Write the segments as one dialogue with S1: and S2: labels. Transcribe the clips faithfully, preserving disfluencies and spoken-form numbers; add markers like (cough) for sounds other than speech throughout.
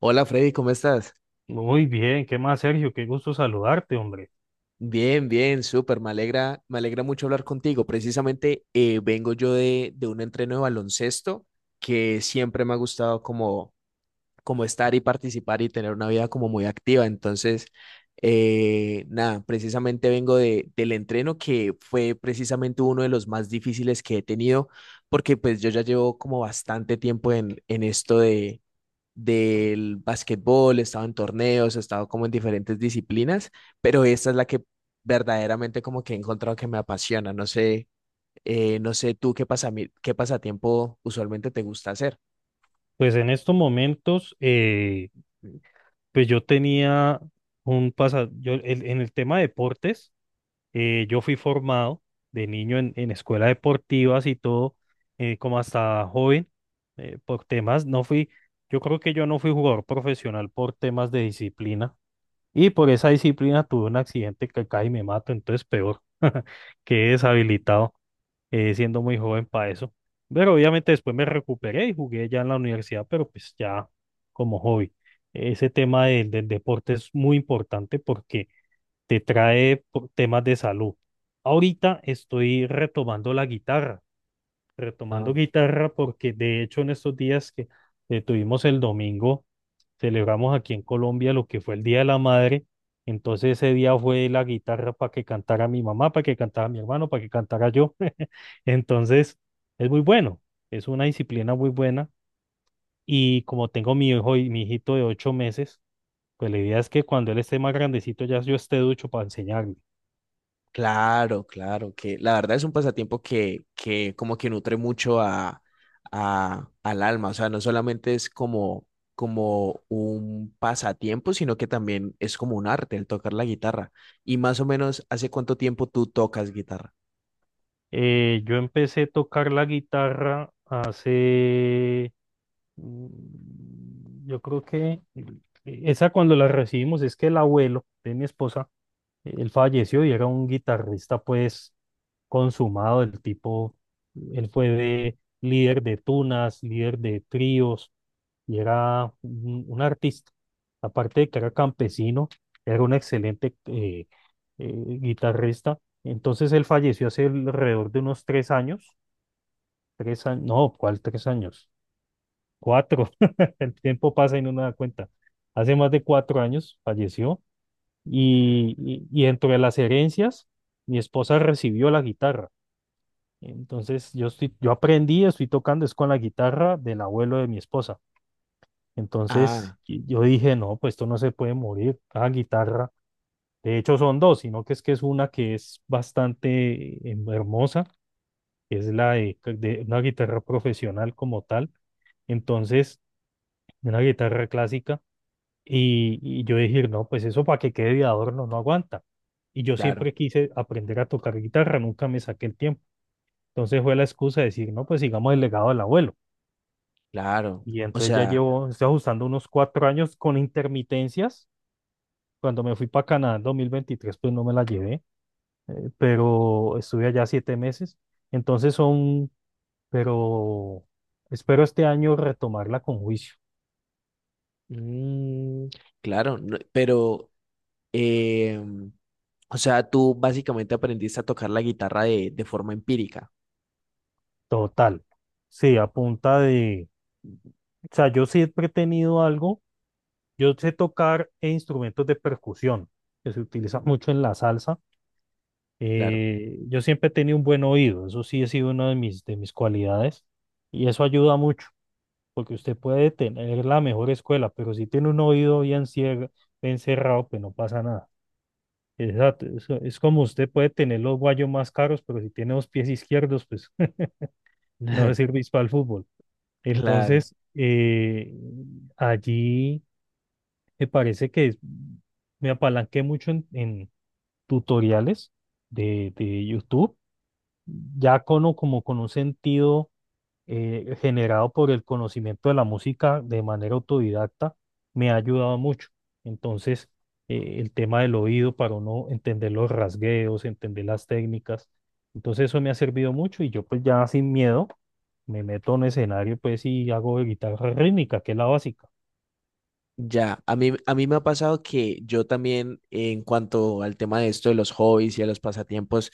S1: Hola, Freddy, ¿cómo estás?
S2: Muy bien, ¿qué más, Sergio? Qué gusto saludarte, hombre.
S1: Bien, bien, súper. Me alegra, me alegra mucho hablar contigo. Precisamente eh, vengo yo de, de un entreno de baloncesto que siempre me ha gustado como, como estar y participar y tener una vida como muy activa. Entonces, eh, nada, precisamente vengo de, del entreno que fue precisamente uno de los más difíciles que he tenido, porque pues yo ya llevo como bastante tiempo en, en esto del básquetbol. He estado en torneos, he estado como en diferentes disciplinas, pero esta es la que verdaderamente como que he encontrado que me apasiona. No sé, eh, no sé tú qué pasami- qué pasatiempo usualmente te gusta hacer.
S2: Pues en estos momentos, eh, pues yo tenía un pasado, yo el- en el tema de deportes, eh, yo fui formado de niño en, en escuelas deportivas y todo, eh, como hasta joven, eh, por temas, no fui. Yo creo que yo no fui jugador profesional por temas de disciplina, y por esa disciplina tuve un accidente que casi me mato, entonces peor. (laughs) Quedé deshabilitado. eh, siendo muy joven para eso. Pero obviamente después me recuperé y jugué ya en la universidad, pero pues ya como hobby. Ese tema del, del deporte es muy importante porque te trae po- temas de salud. Ahorita estoy retomando la guitarra,
S1: Ah,
S2: retomando guitarra, porque de hecho en estos días que eh, tuvimos el domingo, celebramos aquí en Colombia lo que fue el Día de la Madre. Entonces ese día fue la guitarra para que cantara mi mamá, para que cantara mi hermano, para que cantara yo. (laughs) Entonces es muy bueno, es una disciplina muy buena. Y como tengo mi hijo y mi hijito de ocho meses, pues la idea es que cuando él esté más grandecito ya yo esté ducho para enseñarle.
S1: claro, claro, que la verdad es un pasatiempo que, que como que nutre mucho a, a- al alma, o sea, no solamente es como, como un pasatiempo, sino que también es como un arte el tocar la guitarra. Y más o menos, ¿hace cuánto tiempo tú tocas guitarra?
S2: Eh, yo empecé a tocar la guitarra hace. Mm, Yo creo que el- e, esa cuando la recibimos es que el abuelo de mi esposa, él falleció y era un guitarrista pues consumado, el tipo. Él fue de- líder de tunas, líder de tríos y era un, un artista. Aparte de que era campesino, era un excelente eh, eh, guitarrista. Entonces él falleció hace alrededor de unos tres años, tres años, no, ¿cuál tres años? Cuatro. (laughs) El tiempo pasa y no nos da cuenta. Hace más de cuatro años falleció y, y, y dentro de las herencias, mi esposa recibió la guitarra. Entonces yo, estoy, yo aprendí, estoy tocando, es con la guitarra del abuelo de mi esposa. Entonces
S1: Ah,
S2: y yo dije, no, pues esto no se puede morir, cada guitarra. De hecho son dos, sino que es que es una que es bastante eh, em, hermosa, que es la de de una guitarra profesional como tal. Entonces, una guitarra clásica. Y, y yo decir, no, pues eso para que quede de adorno no aguanta. Y yo
S1: claro,
S2: siempre quise aprender a tocar guitarra, nunca me saqué el tiempo. Entonces fue la excusa de decir, no, pues sigamos el legado del abuelo.
S1: claro.
S2: Y
S1: O
S2: entonces ya
S1: sea,
S2: llevo, estoy ajustando unos cuatro años con intermitencias. Cuando me fui para Canadá en dos mil veintitrés pues no me la llevé, eh, pero estuve allá siete meses. Entonces son, pero espero este año retomarla con juicio.
S1: mm, claro, no, pero, em, o sea, tú básicamente aprendiste a tocar la guitarra de, de forma empírica,
S2: Total. Sí, a punta de. O sea, yo siempre he tenido algo. Yo sé tocar e instrumentos de percusión, que se utilizan mucho en la salsa.
S1: claro.
S2: Eh, yo siempre he tenido un buen oído. Eso sí ha sido una de mis, de mis cualidades. Y eso ayuda mucho, porque usted puede tener la mejor escuela, pero si tiene un oído bien cier- bien cerrado, pues no pasa nada. Exacto. Es, es como usted puede tener los guayos más caros, pero si tiene los pies izquierdos, pues (laughs) no le
S1: (laughs)
S2: sirve para el fútbol.
S1: Claro,
S2: Entonces, eh, allí me parece que es- me apalanqué mucho en, en tutoriales de, de YouTube, ya con, o como con un sentido eh, generado por el conocimiento de la música de manera autodidacta, me ha ayudado mucho. Entonces, eh, el tema del oído para uno entender los rasgueos, entender las técnicas. Entonces, eso me ha servido mucho y yo pues ya sin miedo me meto en un escenario pues y hago de guitarra rítmica, que es la básica.
S1: ya. A mí, a mí me ha pasado que yo también, en cuanto al tema de esto de los hobbies y de los pasatiempos,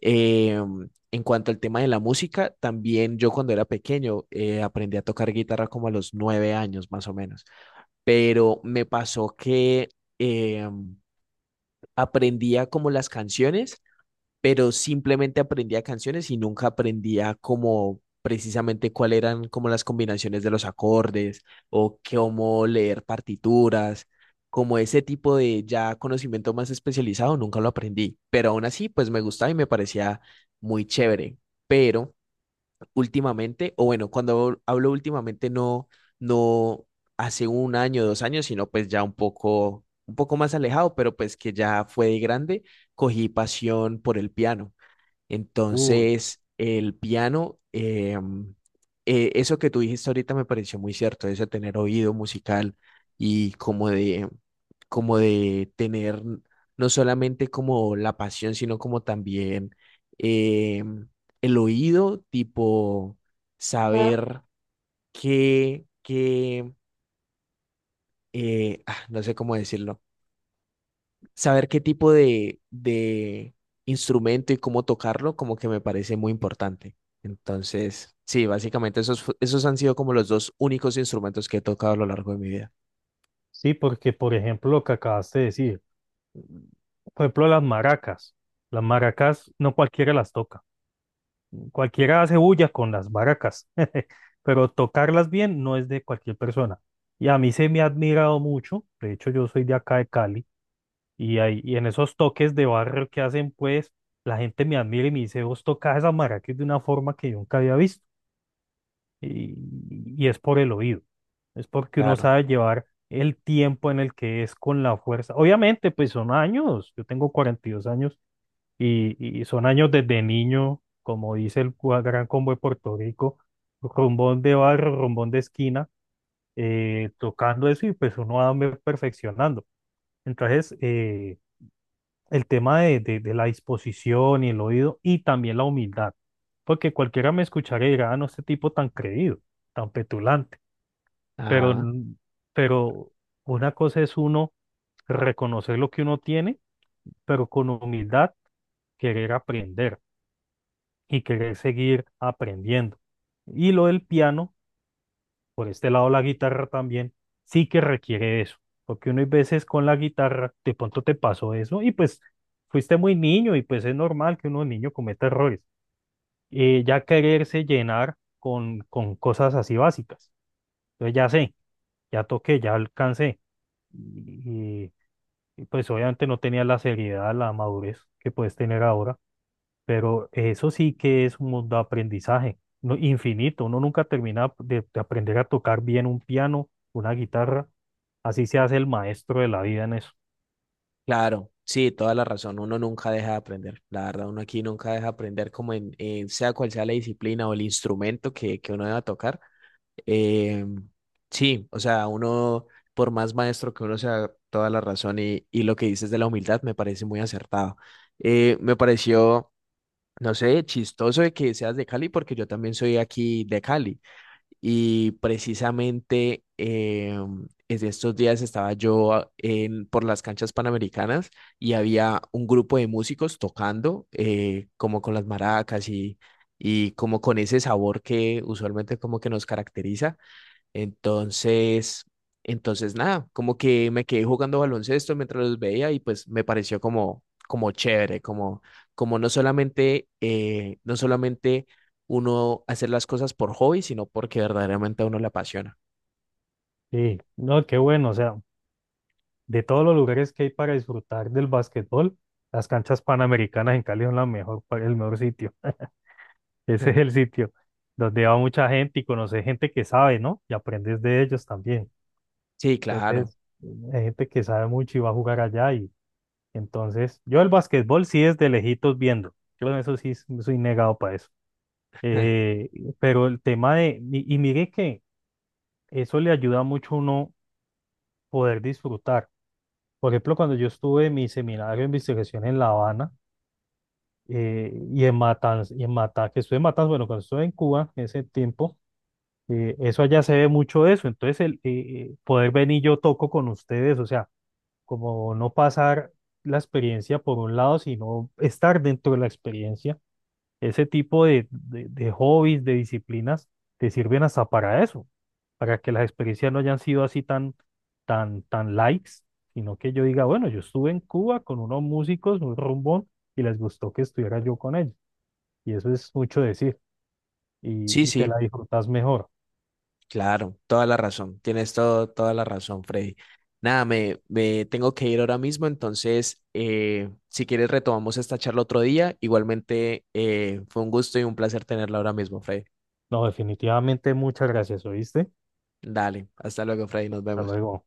S1: em, en cuanto al tema de la música, también yo cuando era pequeño eh, aprendí a tocar guitarra como a los nueve años, más o menos. Pero me pasó que eh, aprendía como las canciones, pero simplemente aprendía canciones y nunca aprendía como precisamente cuáles eran como las combinaciones de los acordes o cómo leer partituras, como ese tipo de ya conocimiento más especializado. Nunca lo aprendí, pero aún así pues me gustaba y me parecía muy chévere, pero últimamente, o bueno, cuando hablo últimamente, no, no hace un año, dos años, sino pues ya un poco, un poco más alejado, pero pues que ya fue de grande, cogí pasión por el piano.
S2: Uy,
S1: Entonces, el piano, em, eh, eso que tú dijiste ahorita me pareció muy cierto, eso de tener oído musical y como de, como de tener no solamente como la pasión, sino como también, em, el oído, tipo saber qué, qué, eh, ah, no sé cómo decirlo, saber qué tipo de, de instrumento y cómo tocarlo, como que me parece muy importante. Entonces, sí, básicamente esos, fu- esos han sido como los dos únicos instrumentos que he tocado a lo largo de mi vida.
S2: sí, porque por ejemplo lo que acabaste de decir, por ejemplo las maracas, las maracas no cualquiera las toca. Cualquiera hace bulla con las baracas, (laughs) pero tocarlas bien no es de cualquier persona. Y a mí se me ha admirado mucho, de hecho yo soy de acá de Cali, y, ahí- y en esos toques de barrio que hacen, pues la gente me admira y me dice, vos tocas esas maracas de una forma que yo nunca había visto. Y, y es por el oído, es porque uno
S1: Claro.
S2: sabe llevar el tiempo en el que es con la fuerza. Obviamente, pues son años, yo tengo cuarenta y dos años y, y son años desde niño, como dice el cua- Gran Combo de Puerto Rico, rumbón de barro, rumbón de esquina, eh, tocando eso y pues uno va me- perfeccionando. Entonces, eh, el tema de, de- de la disposición y el oído y también la humildad, porque cualquiera me escucharía y dirá, Ah, no, este tipo tan creído, tan petulante, pero,
S1: Ajá.
S2: n- pero una cosa es uno reconocer lo que uno tiene, pero con humildad querer aprender, y querer seguir aprendiendo. Y lo del piano, por este lado la guitarra también, sí que requiere eso, porque uno hay veces con la guitarra, de pronto te pasó eso y pues fuiste muy niño y pues es normal que uno niño cometa errores. Eh, ya quererse llenar con, con cosas así básicas. Entonces ya sé, ya toqué, ya alcancé. Y, y, pues obviamente no tenía la seriedad, la madurez que puedes tener ahora. Pero eso sí que es un mundo de aprendizaje, no- infinito. Uno nunca termina de, de aprender a tocar bien un piano, una guitarra. Así se hace el maestro de la vida en eso.
S1: Claro. Sí, toda la razón. Uno nunca deja de aprender. La verdad, uno aquí nunca deja de aprender como en, en sea cual sea la disciplina o el instrumento que, que uno deba tocar. Eh, sí, o sea, uno, por más maestro que uno sea, toda la razón, y, y lo que dices de la humildad me parece muy acertado. Eh, me pareció, no sé, chistoso de que seas de Cali porque yo también soy aquí de Cali, y precisamente eh, es de estos días estaba yo ah, en, por las canchas panamericanas, y había un grupo de músicos tocando eh, como con las maracas y, y como con ese sabor que usualmente como que nos caracteriza. Entonces, entonces nada, como que me quedé jugando baloncesto mientras los veía y pues me pareció como, como chévere, como, como no solamente, eh, no solamente uno hacer las cosas por hobby, sino porque verdaderamente a uno le apasiona.
S2: Sí, no, qué bueno. O sea, de todos los lugares que hay para disfrutar del básquetbol, las canchas panamericanas en Cali son la mejor, pa- el mejor sitio. (laughs) Ese es el
S1: (laughs)
S2: sitio donde va mucha gente y conoces gente que sabe, ¿no? Y aprendes de ellos también.
S1: Sí, claro.
S2: Entonces, hay gente que sabe mucho y va a jugar allá y. Entonces, yo el básquetbol sí es de lejitos viendo. Yo en eso sí s- soy negado para eso.
S1: (laughs)
S2: Eh, pero el tema de, y, y mire que eso le ayuda mucho a uno poder disfrutar. Por ejemplo, cuando yo estuve en mi seminario de investigación en La Habana eh, y en Matanzas, y en Mata, que estuve en Matanzas, bueno, cuando estuve en Cuba en ese tiempo, eh, eso allá se ve mucho de eso. Entonces, el eh, eh, poder venir yo toco con ustedes, o sea, como no pasar la experiencia por un lado, sino estar dentro de la experiencia. Ese tipo de, de- de hobbies, de disciplinas, te sirven hasta para eso, para que las experiencias no hayan sido así tan, tan, tan likes, sino que yo diga, bueno, yo estuve en Cuba con unos músicos, un rumbón, y les gustó que estuviera yo con ellos. Y eso es mucho decir,
S1: Sí,
S2: y, y te
S1: sí.
S2: la disfrutas mejor.
S1: Claro, toda la razón. Tienes todo, toda la razón, Freddy. Nada, me, me tengo que ir ahora mismo, entonces, eh, si quieres, retomamos esta charla otro día. Igualmente, eh, fue un gusto y un placer tenerla ahora mismo, Freddy.
S2: No, definitivamente, muchas gracias, ¿oíste?
S1: Dale, hasta luego, Freddy, nos
S2: Hasta
S1: vemos.
S2: luego.